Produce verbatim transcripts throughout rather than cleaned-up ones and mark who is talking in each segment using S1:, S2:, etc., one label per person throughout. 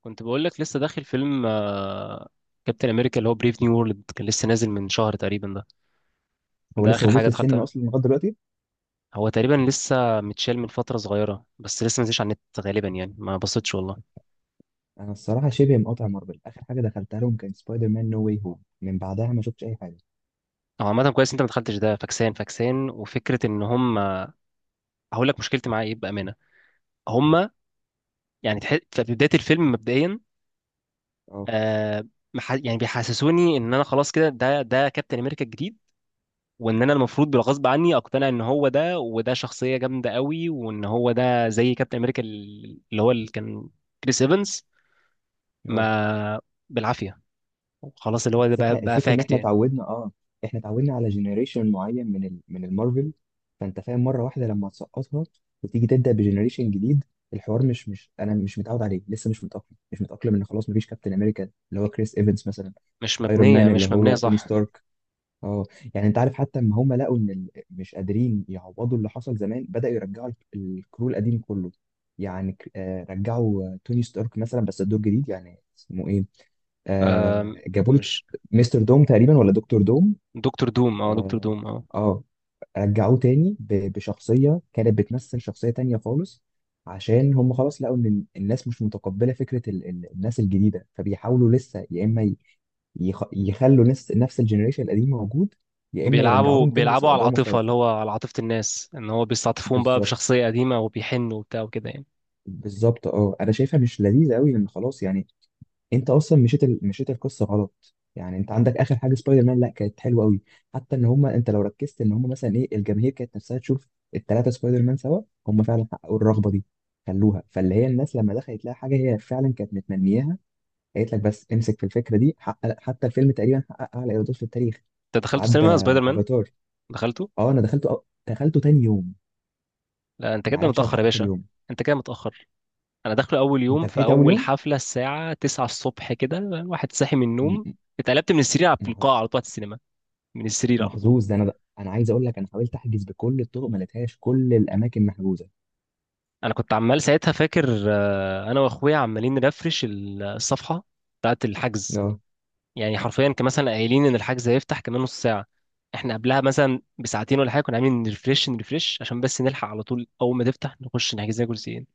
S1: كنت بقول لك لسه داخل فيلم كابتن امريكا اللي هو بريف نيو وورلد، كان لسه نازل من شهر تقريبا. ده
S2: هو
S1: ده
S2: لسه
S1: اخر
S2: موجود
S1: حاجه
S2: في السينما
S1: دخلتها.
S2: اصلا لغايه دلوقتي؟
S1: هو تقريبا لسه متشال من فتره صغيره، بس لسه ما نزلش على النت. غالبا يعني ما بصيتش والله.
S2: انا الصراحه شبه مقاطع مارفل، اخر حاجه دخلتها لهم كان سبايدر مان نو واي هوم، من بعدها ما شفتش اي حاجه.
S1: هو عامه كويس انت ما دخلتش ده، فاكسان، فاكسان، وفكره ان هم، هقول لك مشكلتي معاه ايه بامانه. هم يعني تح... في بدايه الفيلم مبدئيا،
S2: اه،
S1: آه مح... يعني بيحسسوني ان انا خلاص كده ده ده كابتن امريكا الجديد، وان انا المفروض بالغصب عني اقتنع ان هو ده، وده شخصيه جامده قوي، وان هو ده زي كابتن امريكا ال- اللي هو اللي كان كريس ايفنز.
S2: اه.
S1: ما بالعافيه، خلاص اللي هو ده
S2: بس
S1: بقى
S2: احنا
S1: بقى
S2: الفكره ان
S1: فاكت
S2: احنا
S1: يعني
S2: اتعودنا اه، احنا اتعودنا على جنريشن معين من ال... من المارفل. فانت فاهم، مره واحده لما تسقطها وتيجي تبدا بجنريشن جديد، الحوار مش مش انا مش متعود عليه، لسه مش متاقلم، مش متاقلم ان خلاص مفيش كابتن امريكا اللي هو كريس ايفنز مثلا.
S1: مش
S2: ايرون
S1: مبنيه
S2: مان اللي
S1: مش مبنيه
S2: هو توني
S1: صح.
S2: ستارك. اه. يعني انت عارف، حتى اما هم لقوا ان ال- مش قادرين يعوضوا اللي حصل زمان، بدأوا يرجعوا الك- الكرو القديم كله. يعني ك- آه، رجعوا، آه، توني ستارك مثلا، بس الدور جديد. يعني اسمه ايه؟
S1: آم،
S2: آه جابوا له ت-
S1: مش،
S2: مستر دوم تقريبا، ولا دكتور دوم.
S1: دكتور دوم، اه دكتور
S2: اه،
S1: دوم اه.
S2: آه، رجعوه تاني ب- بشخصية كانت بتمثل شخصية تانية خالص. عشان هم خلاص لقوا ان ال- الناس مش متقبلة فكرة ال- ال- الناس الجديدة، فبيحاولوا لسه، يا اما ي- يخ- يخلوا نفس نفس الجنريشن القديم موجود، يا اما
S1: بيلعبوا،
S2: يرجعوهم تاني بس
S1: بيلعبوا على
S2: بأدوار
S1: العاطفه، اللي
S2: مختلفة.
S1: هو على عاطفه الناس، ان هو بيستعطفون بقى
S2: بالظبط.
S1: بشخصيه قديمه وبيحنوا وبتاع وكده يعني.
S2: بالظبط، اه، انا شايفها مش لذيذه قوي، لان خلاص يعني انت اصلا مشيت ال... مشيت القصه غلط. يعني انت عندك اخر حاجه سبايدر مان، لا، كانت حلوه قوي. حتى ان هم، انت لو ركزت، ان هم مثلا ايه، الجماهير كانت نفسها تشوف الثلاثه سبايدر مان سوا، هم فعلا حققوا الرغبه دي، خلوها فاللي هي الناس لما دخلت لها حاجه هي فعلا كانت متمنياها. قالت لك بس امسك في الفكره دي، حقق، حتى الفيلم تقريبا حقق اعلى ايرادات في التاريخ،
S1: انت دخلته
S2: عدى
S1: سينما سبايدر مان؟
S2: افاتار.
S1: دخلته.
S2: اه، انا دخلته أو... دخلته تاني يوم،
S1: لا انت
S2: ما
S1: كده
S2: عرفتش
S1: متاخر يا
S2: الحق في
S1: باشا.
S2: اليوم.
S1: انت كده متاخر. انا داخله اول
S2: انت
S1: يوم في
S2: لحقت اول
S1: اول
S2: يوم.
S1: حفله الساعه تسعه الصبح، كده واحد صاحي من النوم.
S2: م-
S1: اتقلبت من السرير على- في
S2: م-
S1: القاعه على طول على السينما، من السرير على طول.
S2: محظوظ ده انا. انا عايز اقول لك، انا حاولت احجز بكل الطرق، ما لقيتهاش، كل الاماكن محجوزه.
S1: انا كنت عمال ساعتها فاكر، آه، انا واخويا عمالين نرفرش ال- الصفحه بتاعت الحجز.
S2: اه،
S1: يعني حرفيا كان مثلا قايلين ان الحجز هيفتح كمان نص ساعه، احنا قبلها مثلا بساعتين ولا حاجه كنا عاملين نرفرش، نرفرش عشان بس نلحق على طول اول ما تفتح نخش نحجز لنا كرسيين.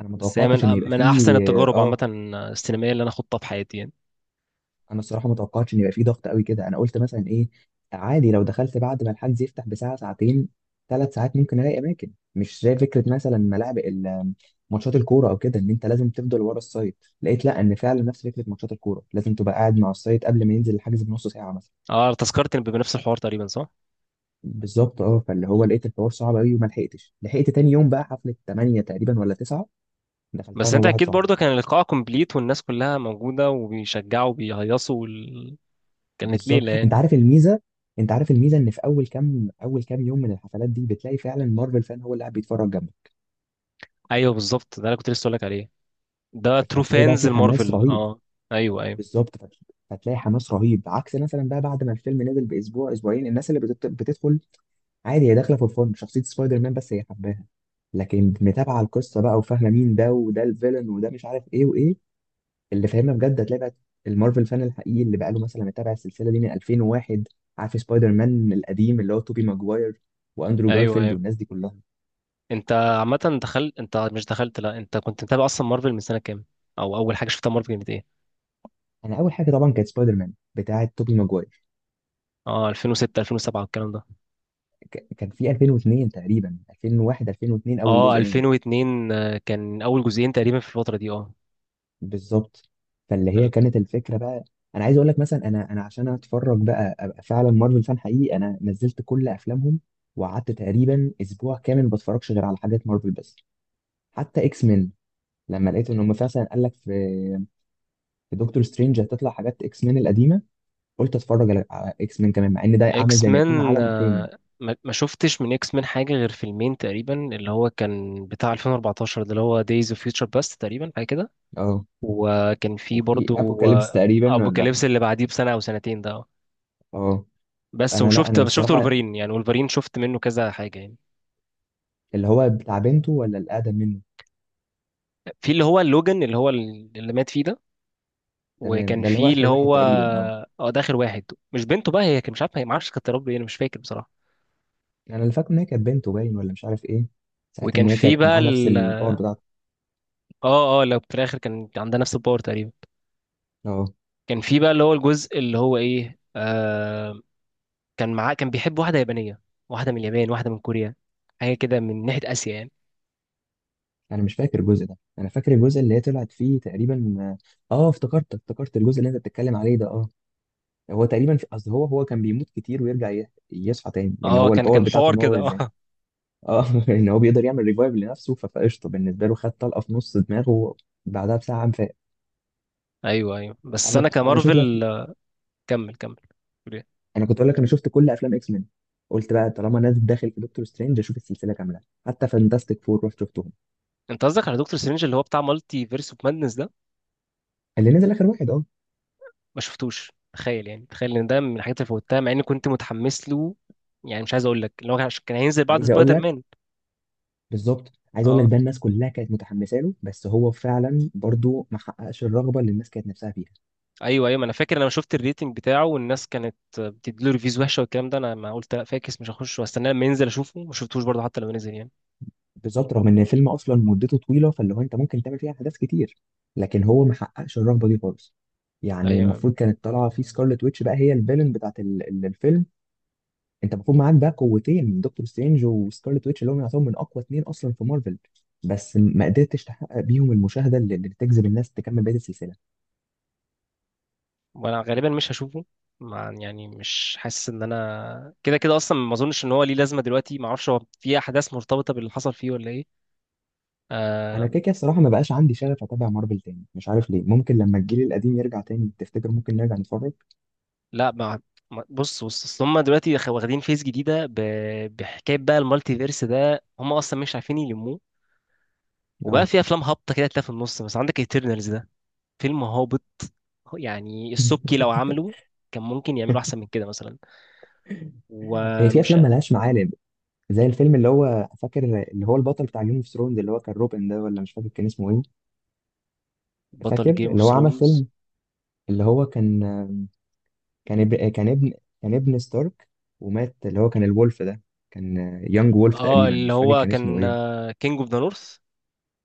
S2: انا ما
S1: بس هي من
S2: توقعتش ان يبقى
S1: من احسن
S2: فيه،
S1: التجارب عامه،
S2: اه
S1: السينمائيه اللي انا خضتها في حياتي يعني.
S2: انا الصراحه ما توقعتش ان يبقى فيه ضغط قوي كده. انا قلت مثلا ايه، عادي لو دخلت بعد ما الحجز يفتح بساعه، ساعتين، ثلاث ساعات، ممكن الاقي اماكن. مش زي فكره مثلا ملاعب ال- ماتشات الكوره او كده، ان انت لازم تفضل ورا السايت. لقيت لا، ان فعلا نفس فكره ماتشات الكوره، لازم تبقى قاعد مع السايت قبل ما ينزل الحجز بنص ساعه مثلا.
S1: اه، تذكرتني بنفس الحوار تقريبا، صح.
S2: بالظبط، اه، فاللي هو لقيت الحوار صعب قوي وما لحقتش، لحقت تاني يوم بقى حفله تمانية تقريبا ولا تسعة. دخلتها
S1: بس
S2: انا
S1: انت
S2: وواحد
S1: اكيد
S2: صاحبي.
S1: برضه كان اللقاء كومبليت، والناس كلها موجوده وبيشجعوا وبيهيصوا وال... كانت
S2: بالظبط.
S1: ليله يعني.
S2: انت عارف الميزه انت عارف الميزه، ان في اول كام اول كام يوم من الحفلات دي بتلاقي فعلا مارفل فان هو اللي قاعد بيتفرج جنبك.
S1: ايوه بالظبط، ده انا كنت لسه اقول لك عليه، ده ترو
S2: فهتلاقي بقى
S1: فانز
S2: في حماس
S1: المارفل
S2: رهيب.
S1: اه. ايوه ايوه.
S2: بالظبط، فت- فتلاقي حماس رهيب، عكس مثلا بقى بعد ما الفيلم نزل باسبوع، اسبوعين، الناس اللي بتت- بتدخل عادي، هي داخله فور فن شخصيه سبايدر مان بس، هي حباها. لكن متابعه القصه بقى، وفاهمه مين ده، وده الفيلن، وده مش عارف ايه وايه، اللي فاهمها بجد، هتلاقي بقى المارفل فان الحقيقي اللي بقاله مثلا متابع السلسله دي من ألفين وواحد، عارف سبايدر مان القديم اللي هو توبي ماجواير واندرو
S1: ايوه
S2: جارفيلد
S1: ايوه.
S2: والناس دي كلها.
S1: انت عامه دخلت، انت مش دخلت، لا انت كنت متابع اصلا مارفل من سنه كام؟ او اول حاجه شفتها مارفل كانت ايه؟
S2: انا اول حاجه طبعا كانت سبايدر مان بتاعه توبي ماجواير.
S1: اه الفين وستة الفين وسبعة والكلام ده.
S2: ك- كان في ألفين واثنين تقريبا، ألفين وواحد ألفين واثنين، اول
S1: اه
S2: جزء نزل.
S1: الفين واتنين، آه، كان اول جزئين تقريبا في الفتره دي اه.
S2: بالظبط، فاللي هي كانت الفكره بقى. انا عايز اقول لك مثلا، انا انا عشان اتفرج بقى، ابقى فعلا مارفل فان حقيقي، انا نزلت كل افلامهم، وقعدت تقريبا اسبوع كامل ما بتفرجش غير على حاجات مارفل بس. حتى اكس مان، لما لقيت ان هم مثلا قال لك في في دكتور سترينج هتطلع حاجات اكس مان القديمه، قلت اتفرج على على اكس مان كمان، مع ان ده عامل
S1: اكس
S2: زي ما يكون
S1: مان
S2: عالم تاني.
S1: آه، ما ما شفتش من اكس مان حاجه غير فيلمين تقريبا، اللي هو كان بتاع الفين واربعتاشر ده، اللي هو دايز اوف فيوتشر باست تقريبا، حاجه كده.
S2: اه.
S1: وكان في
S2: وفي
S1: برضو
S2: ابوكاليبس
S1: آه،
S2: تقريبا ولا؟
S1: ابوكاليبس اللي بعديه بسنه او سنتين ده آه.
S2: اه.
S1: بس
S2: انا، لا،
S1: وشفت
S2: انا
S1: بس شفت
S2: الصراحه،
S1: ولفرين، يعني ولفرين شفت منه كذا حاجه يعني.
S2: اللي هو بتاع بنته ولا الاقدم منه؟
S1: في اللي هو لوجان، اللي هو اللي مات فيه ده،
S2: تمام،
S1: وكان
S2: ده اللي هو
S1: في
S2: اخر
S1: اللي
S2: واحد
S1: هو،
S2: تقريبا، اه.
S1: اه ده اخر واحد. مش بنته بقى هي، كان مش عارف هي، ما اعرفش كانت يا رب ايه، انا مش فاكر بصراحه.
S2: انا اللي فاكر ان هي كانت بنته باين، ولا مش عارف ايه ساعتها،
S1: وكان
S2: ان هي
S1: في
S2: كانت
S1: بقى
S2: معاه نفس
S1: ال...
S2: الباور بتاعته.
S1: اه اه، لو في الاخر كان عندها نفس الباور تقريبا.
S2: اه.
S1: كان في بقى اللي هو الجزء اللي هو ايه، آه، كان معاه، كان بيحب واحدة يابانية، واحدة من اليابان، واحدة من كوريا، حاجة كده من ناحية آسيا يعني.
S2: انا مش فاكر الجزء ده، انا فاكر الجزء اللي هي طلعت فيه تقريبا. اه، افتكرت افتكرت الجزء اللي انت بتتكلم عليه ده، اه. هو تقريبا في اصل، هو هو كان بيموت كتير ويرجع ي- يصحى تاني، لان
S1: اه
S2: هو
S1: كان
S2: الباور
S1: كان
S2: بتاعته
S1: حوار
S2: ان
S1: كده
S2: هو زي،
S1: اه.
S2: اه، ان هو بيقدر يعمل ريفايف لنفسه، ف- فقشطه بالنسبه له، خد طلقه في نص دماغه بعدها بساعه قام فاق.
S1: ايوه ايوه، بس
S2: انا
S1: انا
S2: انا شفت بقى في-
S1: كمارفل آه، كمل كمل. قول إيه؟
S2: انا كنت اقول لك، انا شفت كل افلام اكس مان، قلت بقى طالما نازل داخل في دكتور سترينج اشوف السلسله كامله، حتى فانتاستيك فور رحت شفتهم.
S1: انت قصدك على دكتور سترينج اللي هو بتاع مالتي فيرس اوف مادنس ده؟
S2: اللي نزل اخر واحد، اه.
S1: ما شفتوش، تخيل يعني، تخيل ان ده من الحاجات اللي فوتها مع اني كنت متحمس له، يعني مش عايز اقول لك اللي هو كان، عشان كان هينزل بعد
S2: عايز اقول
S1: سبايدر
S2: لك،
S1: مان.
S2: بالظبط، عايز اقول لك،
S1: اه.
S2: ده الناس كلها كانت متحمسه له، بس هو فعلا برضو ما حققش الرغبه اللي الناس كانت نفسها فيها.
S1: ايوه ايوه، ما انا فاكر انا شفت الريتنج بتاعه والناس كانت بتديله ريفيوز وحشه والكلام ده، انا ما قلت لا فاكس مش هخش، واستناه لما ينزل اشوفه، ما شفتوش برضه حتى لما نزل يعني.
S2: بالظبط، رغم ان الفيلم اصلا مدته طويله، فاللي هو انت ممكن تعمل فيها احداث كتير، لكن هو ما حققش الرهبه دي خالص. يعني
S1: ايوه.
S2: المفروض كانت طالعه في سكارلت ويتش بقى، هي الفيلن بتاعت ال- ال- الفيلم. انت المفروض معاك بقى قوتين، دكتور سترينج وسكارلت ويتش، اللي هم يعتبروا من اقوى اتنين اصلا في مارفل، بس ما قدرتش تحقق بيهم المشاهده اللي اللي تجذب الناس تكمل بقيه السلسله.
S1: وانا غالبا مش هشوفه، مع يعني مش حاسس ان انا كده كده اصلا، ما اظنش ان هو ليه لازمه دلوقتي، ما اعرفش هو في احداث مرتبطه باللي حصل فيه ولا ايه.
S2: انا
S1: آه.
S2: كده كده الصراحه ما بقاش عندي شغف اتابع مارفل تاني، مش عارف ليه. ممكن لما الجيل القديم يرجع تاني، تفتكر ممكن نرجع نتفرج؟
S1: لا ما ما-، بص، بص، اصل هم دلوقتي خ- واخدين فيس جديده ب...، بحكايه بقى المالتي فيرس ده، هم اصلا مش عارفين يلموه. وبقى
S2: اه.
S1: في افلام هابطه كده تلاقيها في النص، بس عندك ايترنالز ده فيلم هابط، يعني السبكي لو عملوا كان ممكن يعملوا احسن من كده مثلا.
S2: هي في
S1: ومش،
S2: افلام ملهاش معالم، زي الفيلم اللي هو فاكر، اللي هو البطل بتاع جيم اوف ثرونز، اللي هو كان روبن ده ولا مش فاكر كان اسمه ايه. فاكر
S1: بطل جيم اوف
S2: اللي هو عمل
S1: ثرونز،
S2: فيلم، اللي هو كان، كان اب- كان ابن كان ابن ستارك، ومات، اللي هو كان الولف ده، كان، يانج وولف
S1: اه
S2: تقريبا،
S1: اللي
S2: مش فاكر
S1: هو
S2: كان اسمه
S1: كان
S2: ايه.
S1: كينج اوف ذا نورث،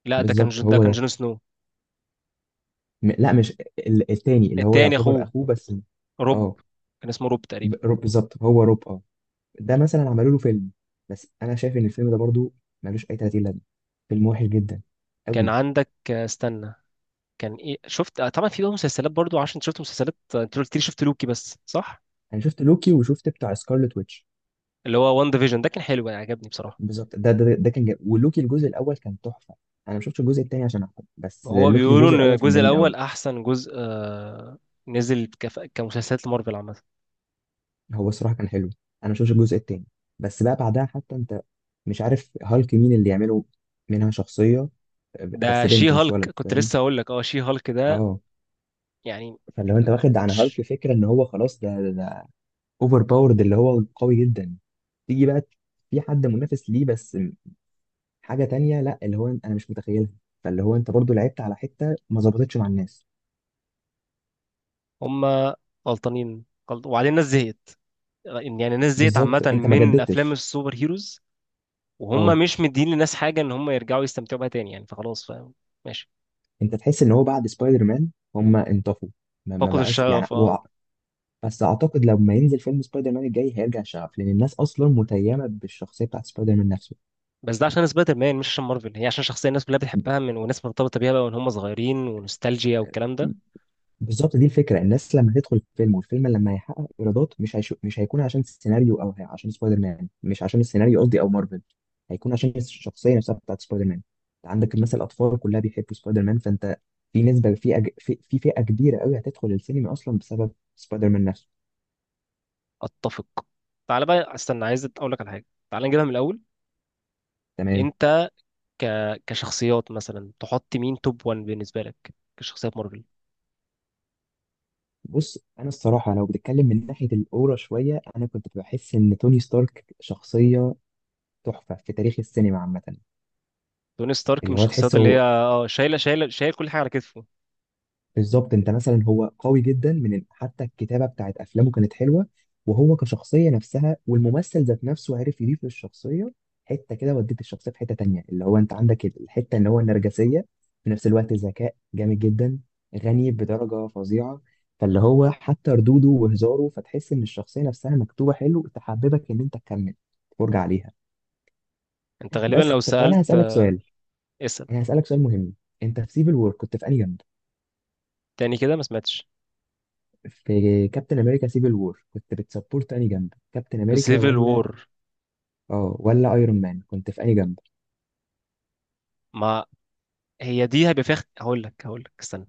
S1: لا ده كان ج-
S2: بالظبط
S1: ده
S2: هو
S1: كان
S2: ده.
S1: جون سنو.
S2: م- لا، مش ال- التاني اللي هو
S1: التاني
S2: يعتبر
S1: اخوه
S2: اخوه بس.
S1: روب،
S2: اه،
S1: كان اسمه روب
S2: ب-
S1: تقريبا.
S2: روب، بالظبط، هو روب، اه. ده مثلا عملوا له فيلم، بس انا شايف ان الفيلم ده برضو ملوش اي تلاتين لازمه، فيلم وحش جدا
S1: كان
S2: قوي.
S1: عندك آه، استنى، كان ايه شفت، آه، طبعا في بقى مسلسلات برضو، عشان شفت مسلسلات، آه، انت قلت لي شفت لوكي بس، صح؟
S2: انا شفت لوكي وشفت بتاع سكارلت ويتش.
S1: اللي هو وان ديفيجن ده كان حلو، يعني عجبني بصراحة.
S2: بالظبط، ده ده ده كان جميل، ولوكي الجزء الاول كان تحفه. انا ما شفتش الجزء الثاني عشان احكم، بس
S1: هو
S2: لوكي
S1: بيقولوا
S2: الجزء
S1: ان
S2: الاول كان
S1: الجزء
S2: جميل قوي.
S1: الاول احسن جزء آه، نزل كف- كمسلسلات مارفل عامة.
S2: هو الصراحه كان حلو، انا ما شفتش الجزء الثاني. بس بقى بعدها، حتى انت مش عارف هالك مين اللي يعمله، منها شخصيه
S1: ده
S2: بس
S1: شي
S2: بنت مش
S1: هالك
S2: ولد،
S1: كنت
S2: فاهم؟
S1: لسه هقول لك، اه شي هالك ده
S2: اه.
S1: يعني.
S2: فلو انت واخد عن
S1: ش-،
S2: هالك فكره ان هو خلاص ده ده, ده اوفر باورد اللي هو قوي جدا، تيجي بقى في حد منافس ليه، بس حاجه تانية، لا، اللي هو انا مش متخيلها. فاللي هو انت برضو لعبت على حته ما ظبطتش مع الناس.
S1: هما غلطانين غلط، وبعدين الناس زهقت، يعني الناس زهقت عامة
S2: بالظبط، انت ما
S1: من أفلام
S2: جددتش.
S1: السوبر هيروز.
S2: اه.
S1: وهم مش مدين للناس حاجة، إن هم يرجعوا يستمتعوا بيها تاني يعني، فخلاص فاهم، ماشي.
S2: انت تحس ان هو بعد سبايدر مان هم انطفوا، ما, ما
S1: فقدوا
S2: بقاش يعني
S1: الشغف اه.
S2: هو. بس اعتقد لما ينزل فيلم سبايدر مان الجاي هيرجع شغف، لان الناس اصلا متيمه بالشخصيه بتاعت سبايدر مان نفسه.
S1: بس ده عشان سبايدر مان مش عشان مارفل، هي عشان شخصية الناس كلها بتحبها، من وناس مرتبطة بيها بقى، وإن هم صغيرين، ونوستالجيا والكلام ده.
S2: بالظبط، دي الفكره. الناس لما تدخل الفيلم، والفيلم لما هيحقق ايرادات، مش هيشو... مش هيكون عشان السيناريو، او هي- عشان سبايدر مان، مش عشان السيناريو قصدي، او مارفل. هيكون عشان الشخصيه نفسها بتاعت سبايدر مان. انت عندك مثلا الاطفال كلها بيحبوا سبايدر مان، فانت في نسبه، في أج... في في فئه كبيره قوي هتدخل السينما اصلا بسبب سبايدر مان نفسه.
S1: أتفق. تعالى بقى استنى، عايز أقول لك على حاجة، تعالى نجيبها من الأول.
S2: تمام.
S1: أنت ك...، كشخصيات مثلا تحط مين توب واحد بالنسبة لك كشخصيات مارفل؟
S2: بص، انا الصراحه لو بتتكلم من ناحيه الاورا شويه، انا كنت بحس ان توني ستارك شخصيه تحفه في تاريخ السينما عامه.
S1: توني ستارك من
S2: اللي هو
S1: الشخصيات اللي هي
S2: تحسه،
S1: اه شايلة، شايلة، شايل كل حاجة على كتفه.
S2: بالظبط. انت مثلا، هو قوي جدا، من حتى الكتابه بتاعت افلامه كانت حلوه، وهو كشخصيه نفسها، والممثل ذات نفسه عرف يضيف للشخصيه حته كده، وديت الشخصيه في حته تانية، اللي هو انت عندك الحته ان هو النرجسيه، في نفس الوقت ذكاء جامد جدا، غني بدرجه فظيعه، فاللي هو حتى ردوده وهزاره، فتحس ان الشخصيه نفسها مكتوبه حلو، تحببك ان انت تكمل تتفرج عليها.
S1: انت غالبا
S2: بس
S1: لو
S2: طب انا
S1: سألت
S2: هسالك
S1: آه،
S2: سؤال،
S1: اسأل.
S2: انا هسالك سؤال مهم. انت في سيفل وور كنت في انهي جنب؟
S1: تاني كده ما سمعتش.
S2: في كابتن امريكا سيفل وور، كنت بتسبورت انهي جنب؟ كابتن
S1: في
S2: امريكا
S1: سيفل
S2: ولا،
S1: وور،
S2: اه، ولا ايرون مان؟ كنت في انهي جنب؟
S1: ما هي دي هيبقى فيها اخت-، هقول لك، هقول لك استنى،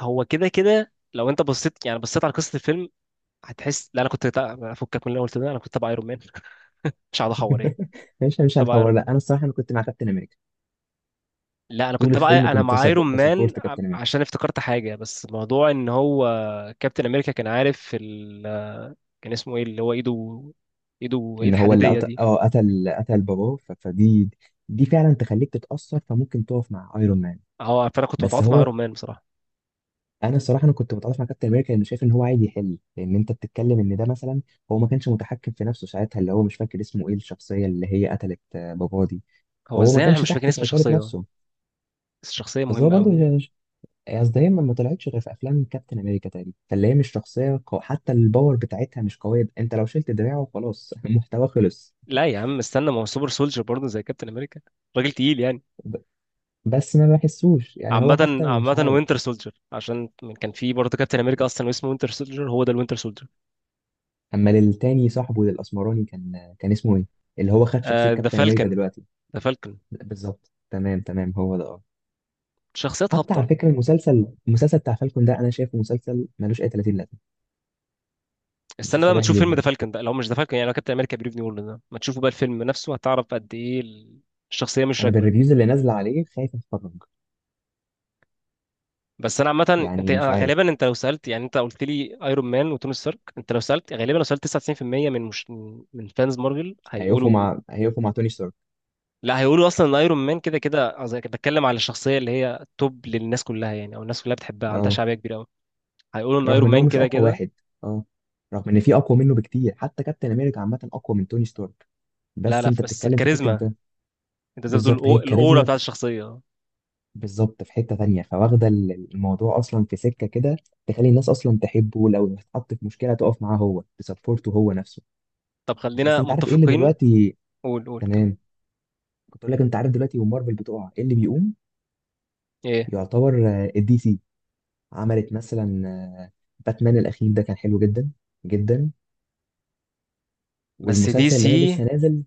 S1: هو كده كده لو انت بصيت يعني بصيت على قصة الفيلم هتحس، لا انا كنت تع- افكك من الاول كده، انا كنت تبع ايرون مان مش هقعد احور يعني.
S2: مش مش
S1: تبع
S2: هنحور،
S1: ايرون
S2: لا،
S1: مان،
S2: انا الصراحه انا كنت مع كابتن امريكا.
S1: لا انا
S2: طول
S1: كنت بقى
S2: الفيلم
S1: انا
S2: كنت
S1: مع
S2: سب-
S1: ايرون مان،
S2: بسبورت
S1: ع-
S2: كابتن امريكا.
S1: عشان افتكرت حاجه، بس موضوع ان هو، كابتن امريكا كان عارف ال... كان اسمه ايه اللي هو ايده، ايده
S2: ان
S1: ايد
S2: هو اللي
S1: حديديه
S2: قتل،
S1: دي.
S2: اه قتل قتل باباه، ف- فدي، دي فعلا تخليك تتاثر، فممكن تقف مع ايرون مان.
S1: اه، فانا كنت
S2: بس
S1: متعاطف مع
S2: هو،
S1: ايرون مان بصراحه.
S2: انا الصراحه انا كنت متعاطف مع كابتن امريكا، لانه شايف ان هو عايز يحل، لان انت بتتكلم ان ده مثلا هو ما كانش متحكم في نفسه ساعتها، اللي هو مش فاكر اسمه ايه الشخصيه اللي هي قتلت آه، باباه دي.
S1: هو
S2: هو ما
S1: ازاي انا
S2: كانش
S1: مش فاكر
S2: تحت
S1: اسم
S2: سيطرة
S1: الشخصيه،
S2: نفسه.
S1: بس الشخصيه
S2: بس هو
S1: مهمه
S2: برضه
S1: قوي.
S2: مش- اصل دايما ما طلعتش غير في افلام كابتن امريكا تقريبا، فاللي هي مش شخصيه قو... حتى الباور بتاعتها مش قويه. انت لو شلت دراعه خلاص المحتوى خلص.
S1: لا يا عم استنى، ما هو سوبر سولجر برضه زي كابتن امريكا، راجل تقيل يعني.
S2: ب... بس ما بحسوش، يعني هو
S1: عامة،
S2: حتى مش
S1: عامة
S2: عارف.
S1: وينتر سولجر، عشان كان في برضه كابتن امريكا اصلا واسمه وينتر سولجر، هو ده الوينتر سولجر.
S2: اما للتاني، صاحبه للاسمراني، كان كان اسمه ايه؟ اللي هو خد شخصيه
S1: ذا
S2: كابتن امريكا
S1: فالكن،
S2: دلوقتي.
S1: ذا فالكن.
S2: بالظبط، تمام تمام، هو ده، اه.
S1: شخصيات
S2: حتى على
S1: هابطة.
S2: فكره المسلسل المسلسل بتاع فالكون ده انا شايفه مسلسل ملوش اي تلاتين لازمه.
S1: استنى بقى
S2: المسلسل
S1: ما
S2: وحش
S1: تشوف فيلم ذا
S2: جدا.
S1: فالكون ده، لو مش ذا فالكون يعني، لو كابتن امريكا بريف نيو وورلد ده ما تشوفه بقى الفيلم نفسه، هتعرف قد ايه الشخصيه مش
S2: انا
S1: راكبه.
S2: بالريفيوز اللي نازله عليه خايف اتفرج.
S1: بس انا عامه انت،
S2: يعني مش
S1: أنا
S2: عارف.
S1: غالبا، انت لو سالت يعني، انت قلت لي ايرون مان وتوني ستارك، انت لو سالت غالبا، لو سالت تسعة وتسعين في المية من، مش، من فانز مارفل
S2: هيقفوا
S1: هيقولوا،
S2: مع هيقفوا مع توني ستارك.
S1: لا، هيقولوا اصلا ان ايرون مان كده كده، قصدي بتكلم على الشخصيه اللي هي توب للناس كلها يعني، او الناس كلها بتحبها، عندها
S2: اه،
S1: شعبيه كبيره قوي، هيقولوا ان
S2: رغم
S1: ايرون
S2: ان هو
S1: مان
S2: مش
S1: كده
S2: اقوى
S1: كده.
S2: واحد. اه، رغم ان في اقوى منه بكتير، حتى كابتن امريكا عامه اقوى من توني ستارك.
S1: لا
S2: بس
S1: لا
S2: انت
S1: بس
S2: بتتكلم في حته
S1: الكاريزما،
S2: ده.
S1: انت زي ما بتقول،
S2: بالظبط، هي
S1: الأو- الاورا
S2: الكاريزما.
S1: بتاعت الشخصيه.
S2: بالظبط، في حته تانية، فواخده ال- الموضوع اصلا في سكه كده تخلي الناس اصلا تحبه، لو اتحط في مشكله تقف معاه، هو تسبورته هو نفسه.
S1: طب
S2: بس
S1: خلينا
S2: انت عارف ايه اللي
S1: متفقين.
S2: دلوقتي.
S1: قول قول.
S2: تمام. كنت اقول لك، انت عارف دلوقتي ومارفل بتقع، ايه اللي بيقوم؟
S1: كم؟
S2: يعتبر الدي سي. عملت مثلا آه، باتمان الاخير ده كان حلو جدا جدا.
S1: بس دي
S2: والمسلسل اللي
S1: سي،
S2: هي لسه نازل،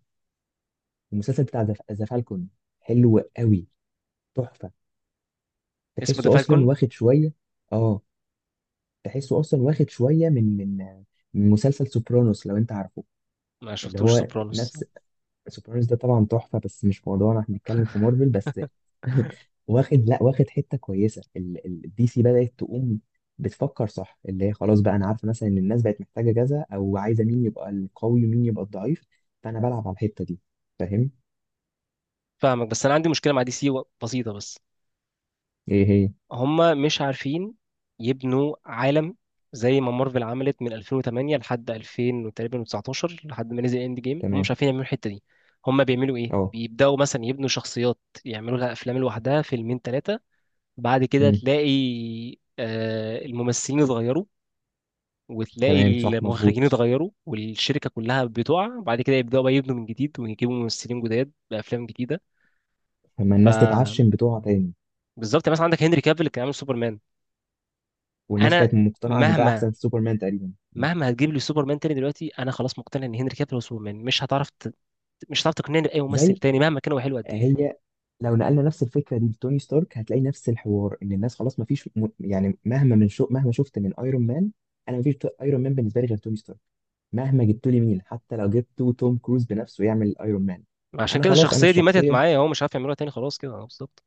S2: المسلسل بتاع ذا ذا فالكون، حلو قوي، تحفه.
S1: اسمه ذا
S2: تحسه اصلا
S1: فالكون.
S2: واخد شويه. اه. تحسه اصلا واخد شويه من من من مسلسل سوبرانوس، لو انت عارفه.
S1: ما
S2: اللي
S1: شفتوش
S2: هو
S1: سوبرانوس.
S2: نفس. سوبرانوس ده طبعا تحفه، بس مش موضوعنا، احنا بنتكلم في مارفل بس. واخد، لا، واخد حته كويسه. الدي سي بدات تقوم، بتفكر صح، اللي هي خلاص بقى انا عارفه مثلا ان الناس بقت محتاجه كذا، او عايزه مين يبقى القوي ومين يبقى الضعيف، فانا بلعب على الحته دي. فاهم.
S1: فاهمك، بس انا عندي مشكله مع دي سي و- بسيطه بس.
S2: ايه هي؟
S1: هما مش عارفين يبنوا عالم زي ما مارفل عملت من الفين وتمانية لحد الفين وتقريبا تسعتاشر، لحد ما نزل اند جيم، هم مش
S2: تمام.
S1: عارفين يعملوا الحته دي. هما بيعملوا ايه،
S2: اه.
S1: بيبداوا مثلا يبنوا شخصيات، يعملوا لها افلام لوحدها فيلمين ثلاثه، بعد كده
S2: مم.
S1: تلاقي آه، الممثلين اتغيروا، وتلاقي
S2: تمام، صح،
S1: المخرجين
S2: مظبوط.
S1: اتغيروا، والشركة كلها بتقع، بعد كده يبدأوا بقى يبنوا من جديد، ويجيبوا ممثلين جداد بأفلام جديدة.
S2: لما الناس
S1: فبالظبط،
S2: تتعشم بتوعها تاني.
S1: مثلا عندك هنري كافيل اللي كان عامل سوبرمان.
S2: والناس
S1: أنا
S2: كانت مقتنعه ان ده
S1: مهما،
S2: احسن سوبرمان تقريبا. مم.
S1: مهما هتجيب لي سوبرمان تاني دلوقتي، أنا خلاص مقتنع إن هنري كافيل هو سوبرمان، مش هتعرف ت...، مش هتعرف تقنعني بأي ممثل
S2: زي،
S1: تاني مهما كان هو حلو قد إيه.
S2: هي، لو نقلنا نفس الفكره دي لتوني ستارك هتلاقي نفس الحوار، ان الناس خلاص ما فيش م... يعني مهما من شو... مهما شفت من ايرون مان، انا ما فيش ايرون مان بالنسبه لي غير توني ستارك. مهما جبت لي مين، حتى لو جبت توم كروز بنفسه يعمل ايرون مان،
S1: عشان
S2: انا
S1: كده
S2: خلاص، انا
S1: الشخصية دي ماتت
S2: الشخصيه.
S1: معايا، هو مش عارف يعملوها تاني خلاص كده آه، بالظبط.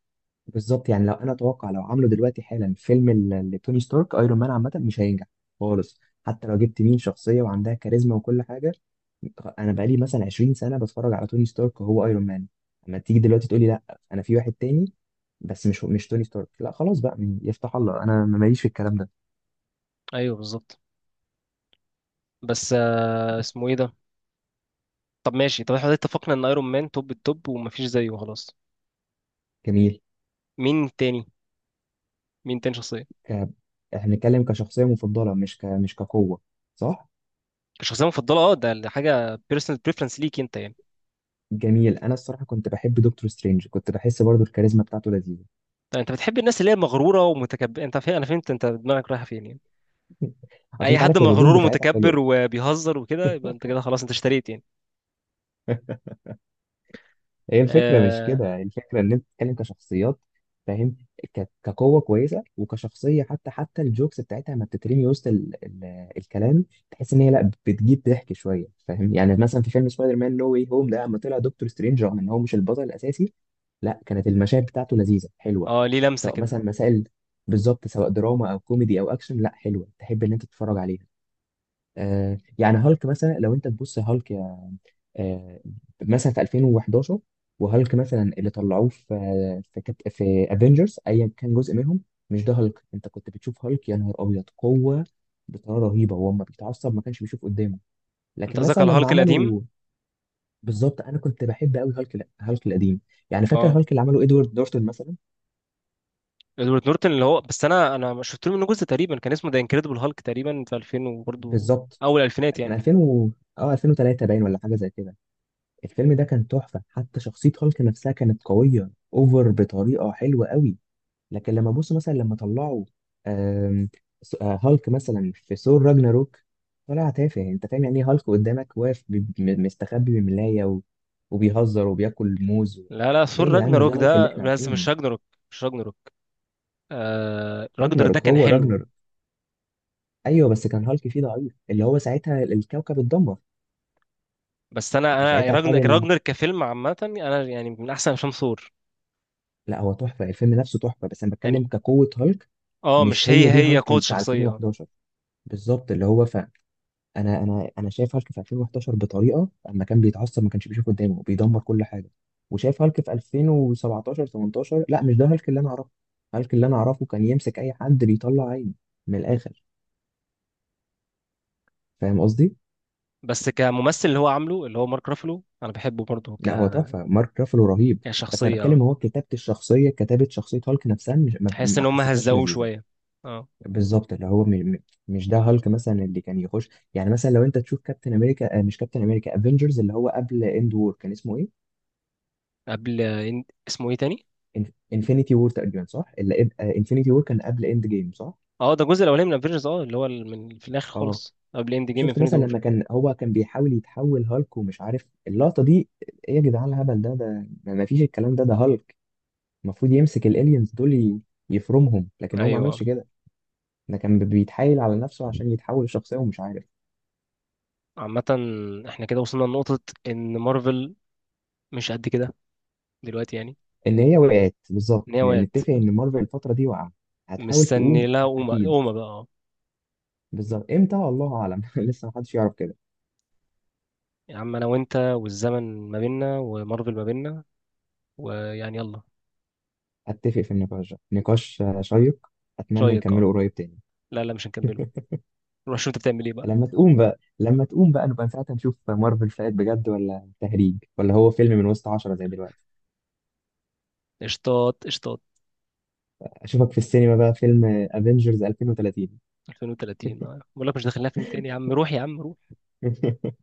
S2: بالظبط، يعني لو انا اتوقع لو عملوا دلوقتي حالا فيلم ال- لتوني ستارك، ايرون مان عامه مش هينجح خالص. حتى لو جبت مين شخصيه وعندها كاريزما وكل حاجه، انا بقالي مثلا عشرين سنه بتفرج على توني ستارك وهو ايرون مان. اما تيجي دلوقتي تقولي لا، انا في واحد تاني، بس مش مش توني ستارك، لا خلاص بقى، من- يفتح الله، انا ماليش في الكلام ده.
S1: أيوه بالظبط. بس آه، اسمه إيه ده؟ طب ماشي، طب احنا اتفقنا إن أيرون مان توب التوب ومفيش زيه خلاص.
S2: جميل.
S1: مين تاني؟ مين تاني شخصية؟
S2: ك... احنا بنتكلم كشخصيه مفضله، مش ك... مش كقوه. صح.
S1: شخصيه مفضله اه، ده ده حاجه بيرسونال بريفرنس ليك انت يعني.
S2: جميل. انا الصراحه كنت بحب دكتور سترينج، كنت بحس برضو الكاريزما بتاعته لذيذه.
S1: طيب انت بتحب الناس اللي هي مغروره ومتكبر، انت فاهم، انا فهمت انت دماغك رايحه فين يعني،
S2: اصل
S1: اي
S2: انت
S1: حد
S2: عارف الردود
S1: مغرور
S2: بتاعتها
S1: ومتكبر
S2: حلوه.
S1: وبيهزر وكده يبقى انت كده خلاص انت اشتريت يعني.
S2: هي الفكرة مش
S1: اه،
S2: كده، الفكرة ان انت بتتكلم كشخصيات. فاهم. ك- كقوة كويسة وكشخصية، حتى حتى الجوكس بتاعتها لما بتترمي وسط ال... ال... الكلام، تحس ان هي لا بتجيب ضحك شوية. فاهم؟ يعني مثلا في فيلم سبايدر مان نو واي هوم ده، لما طلع دكتور سترينج رغم ان هو مش البطل الاساسي، لا، كانت المشاهد بتاعته لذيذة حلوة.
S1: آه ليه لمسه
S2: سواء
S1: كده.
S2: مثلا مسائل، بالظبط، سواء دراما او كوميدي او اكشن، لا، حلوة تحب ان انت تتفرج عليها. آه، يعني هالك مثلا، لو انت تبص هالك آه، مثلا في ألفين وحداشر، وهالك مثلا اللي طلعوه في في كت... في افنجرز ايا كان جزء منهم، مش ده هالك. انت كنت بتشوف هالك، يا نهار ابيض قوه، بطريقه رهيبه، هو لما بيتعصب ما كانش بيشوف قدامه.
S1: انت
S2: لكن
S1: قصدك
S2: مثلا
S1: على
S2: لما
S1: الهالك القديم؟
S2: عملوا، بالظبط، انا كنت بحب قوي هالك، لا، هالك القديم. يعني فاكر
S1: اه،
S2: هالك اللي عمله ادوارد نورتون مثلا؟
S1: ادوارد نورتن اللي هو، بس انا انا شفت له منه جزء تقريبا، كان اسمه ذا انكريدبل هالك تقريبا في الفين وبرضه،
S2: بالظبط.
S1: اول الفينات
S2: كان
S1: يعني.
S2: ألفين و... اه ألفين وتلاته باين، ولا حاجه زي كده. الفيلم ده كان تحفه، حتى شخصيه هالك نفسها كانت قويه اوفر بطريقه حلوه قوي. لكن لما ابص مثلا لما طلعوا آم، س- آه، هالك مثلا في ثور راجناروك، طلع تافه. يعني انت فاهم يعني ايه هالك قدامك واقف بي- م- مستخبي بملاية و... وبيهزر وبياكل موز و...
S1: لا لا،
S2: ايه
S1: ثور
S2: يا جدعان، مش ده
S1: راجناروك
S2: هالك اللي
S1: ده
S2: احنا
S1: بس،
S2: عارفينه.
S1: مش راجناروك، مش راجناروك، آه راجنر ده
S2: راجناروك
S1: كان
S2: هو
S1: حلو.
S2: راجناروك. ايوه، بس كان هالك فيه ضعيف، اللي هو ساعتها الكوكب اتدمر
S1: بس انا، انا
S2: وساعتها خد
S1: راجنر،
S2: ال...
S1: راجنر كفيلم عامه، انا يعني من احسن افلام ثور
S2: لا، هو تحفة، الفيلم نفسه تحفة، بس انا
S1: يعني.
S2: بتكلم كقوة هالك.
S1: اه
S2: مش
S1: مش
S2: هي
S1: هي،
S2: دي
S1: هي
S2: هالك
S1: قوة
S2: اللي بتاع
S1: شخصية آه.
S2: ألفين وحداشر. بالظبط، اللي هو انا انا انا شايف هالك في ألفين وحداشر بطريقه، اما كان بيتعصب ما كانش بيشوف قدامه، بيدمر كل حاجه. وشايف هالك في ألفين وسبعتاشر ألفين وتمنتاشر، لا، مش ده هالك اللي انا اعرفه. هالك اللي انا اعرفه كان يمسك اي حد بيطلع عينه. من الاخر. فاهم قصدي.
S1: بس كممثل اللي هو عامله، اللي هو مارك رافلو، انا بحبه برضه ك...،
S2: لا، هو تحفه، مارك رافلو رهيب، بس انا
S1: كشخصية اه.
S2: بتكلم هو كتابه الشخصيه، كتابه شخصيه هالك نفسها مش ما,
S1: تحس
S2: ما
S1: ان هم
S2: حسيتهاش
S1: هزقوه
S2: لذيذه.
S1: شوية اه.
S2: بالظبط، اللي هو م- م- مش ده هالك مثلا اللي كان يخش، يعني مثلا لو انت تشوف كابتن امريكا، آه، مش كابتن امريكا، افنجرز اللي هو قبل اند وور كان اسمه ايه؟
S1: قبل إن...، اسمه ايه تاني؟
S2: انفينيتي وور تقريبا، صح؟ اللي انفينيتي وور كان قبل اند جيم، صح؟
S1: اه ده الجزء الاولاني من افنجرز اه، اللي هو ال- من في الاخر
S2: اه.
S1: خالص قبل اند جيم،
S2: شفت
S1: انفينيتي
S2: مثلا
S1: وور.
S2: لما كان هو كان بيحاول يتحول هالك ومش عارف اللقطة دي، ايه يا جدعان الهبل ده ده ده ما فيش الكلام ده ده هالك. المفروض يمسك الالينز دول ي- يفرمهم، لكن هو ما
S1: ايوه آه.
S2: عملش كده. ده كان بيتحايل على نفسه عشان يتحول لشخصية ومش عارف.
S1: عامة، احنا كده وصلنا لنقطة ان مارفل مش قد كده دلوقتي يعني.
S2: ان هي وقعت، بالظبط،
S1: ان هي
S2: ن-
S1: وقعت.
S2: نتفق ان مارفل الفترة دي وقع، هتحاول
S1: مستني
S2: تقوم
S1: لها قومة،
S2: اكيد.
S1: قومة بقى آه.
S2: بالظبط، امتى؟ الله اعلم. لسه محدش يعرف كده.
S1: يا عم انا وانت والزمن ما بيننا، ومارفل ما بيننا ويعني، يلا.
S2: اتفق، في النقاش ده، نقاش آه، شيق، اتمنى
S1: رايك اه.
S2: نكمله قريب تاني.
S1: لا لا مش هنكمله، روح شوف انت بتعمل ايه بقى.
S2: لما تقوم بقى، لما تقوم بقى، نبقى ساعتها نشوف مارفل فات بجد ولا تهريج، ولا هو فيلم من وسط عشرة زي دلوقتي.
S1: اشطاط اشطاط.
S2: اشوفك في السينما بقى، فيلم افنجرز ألفين وثلاثين.
S1: الفين وتلاتين اه، بقول لك مش داخلنا فيلم تاني يا عم، روح يا عم، روح.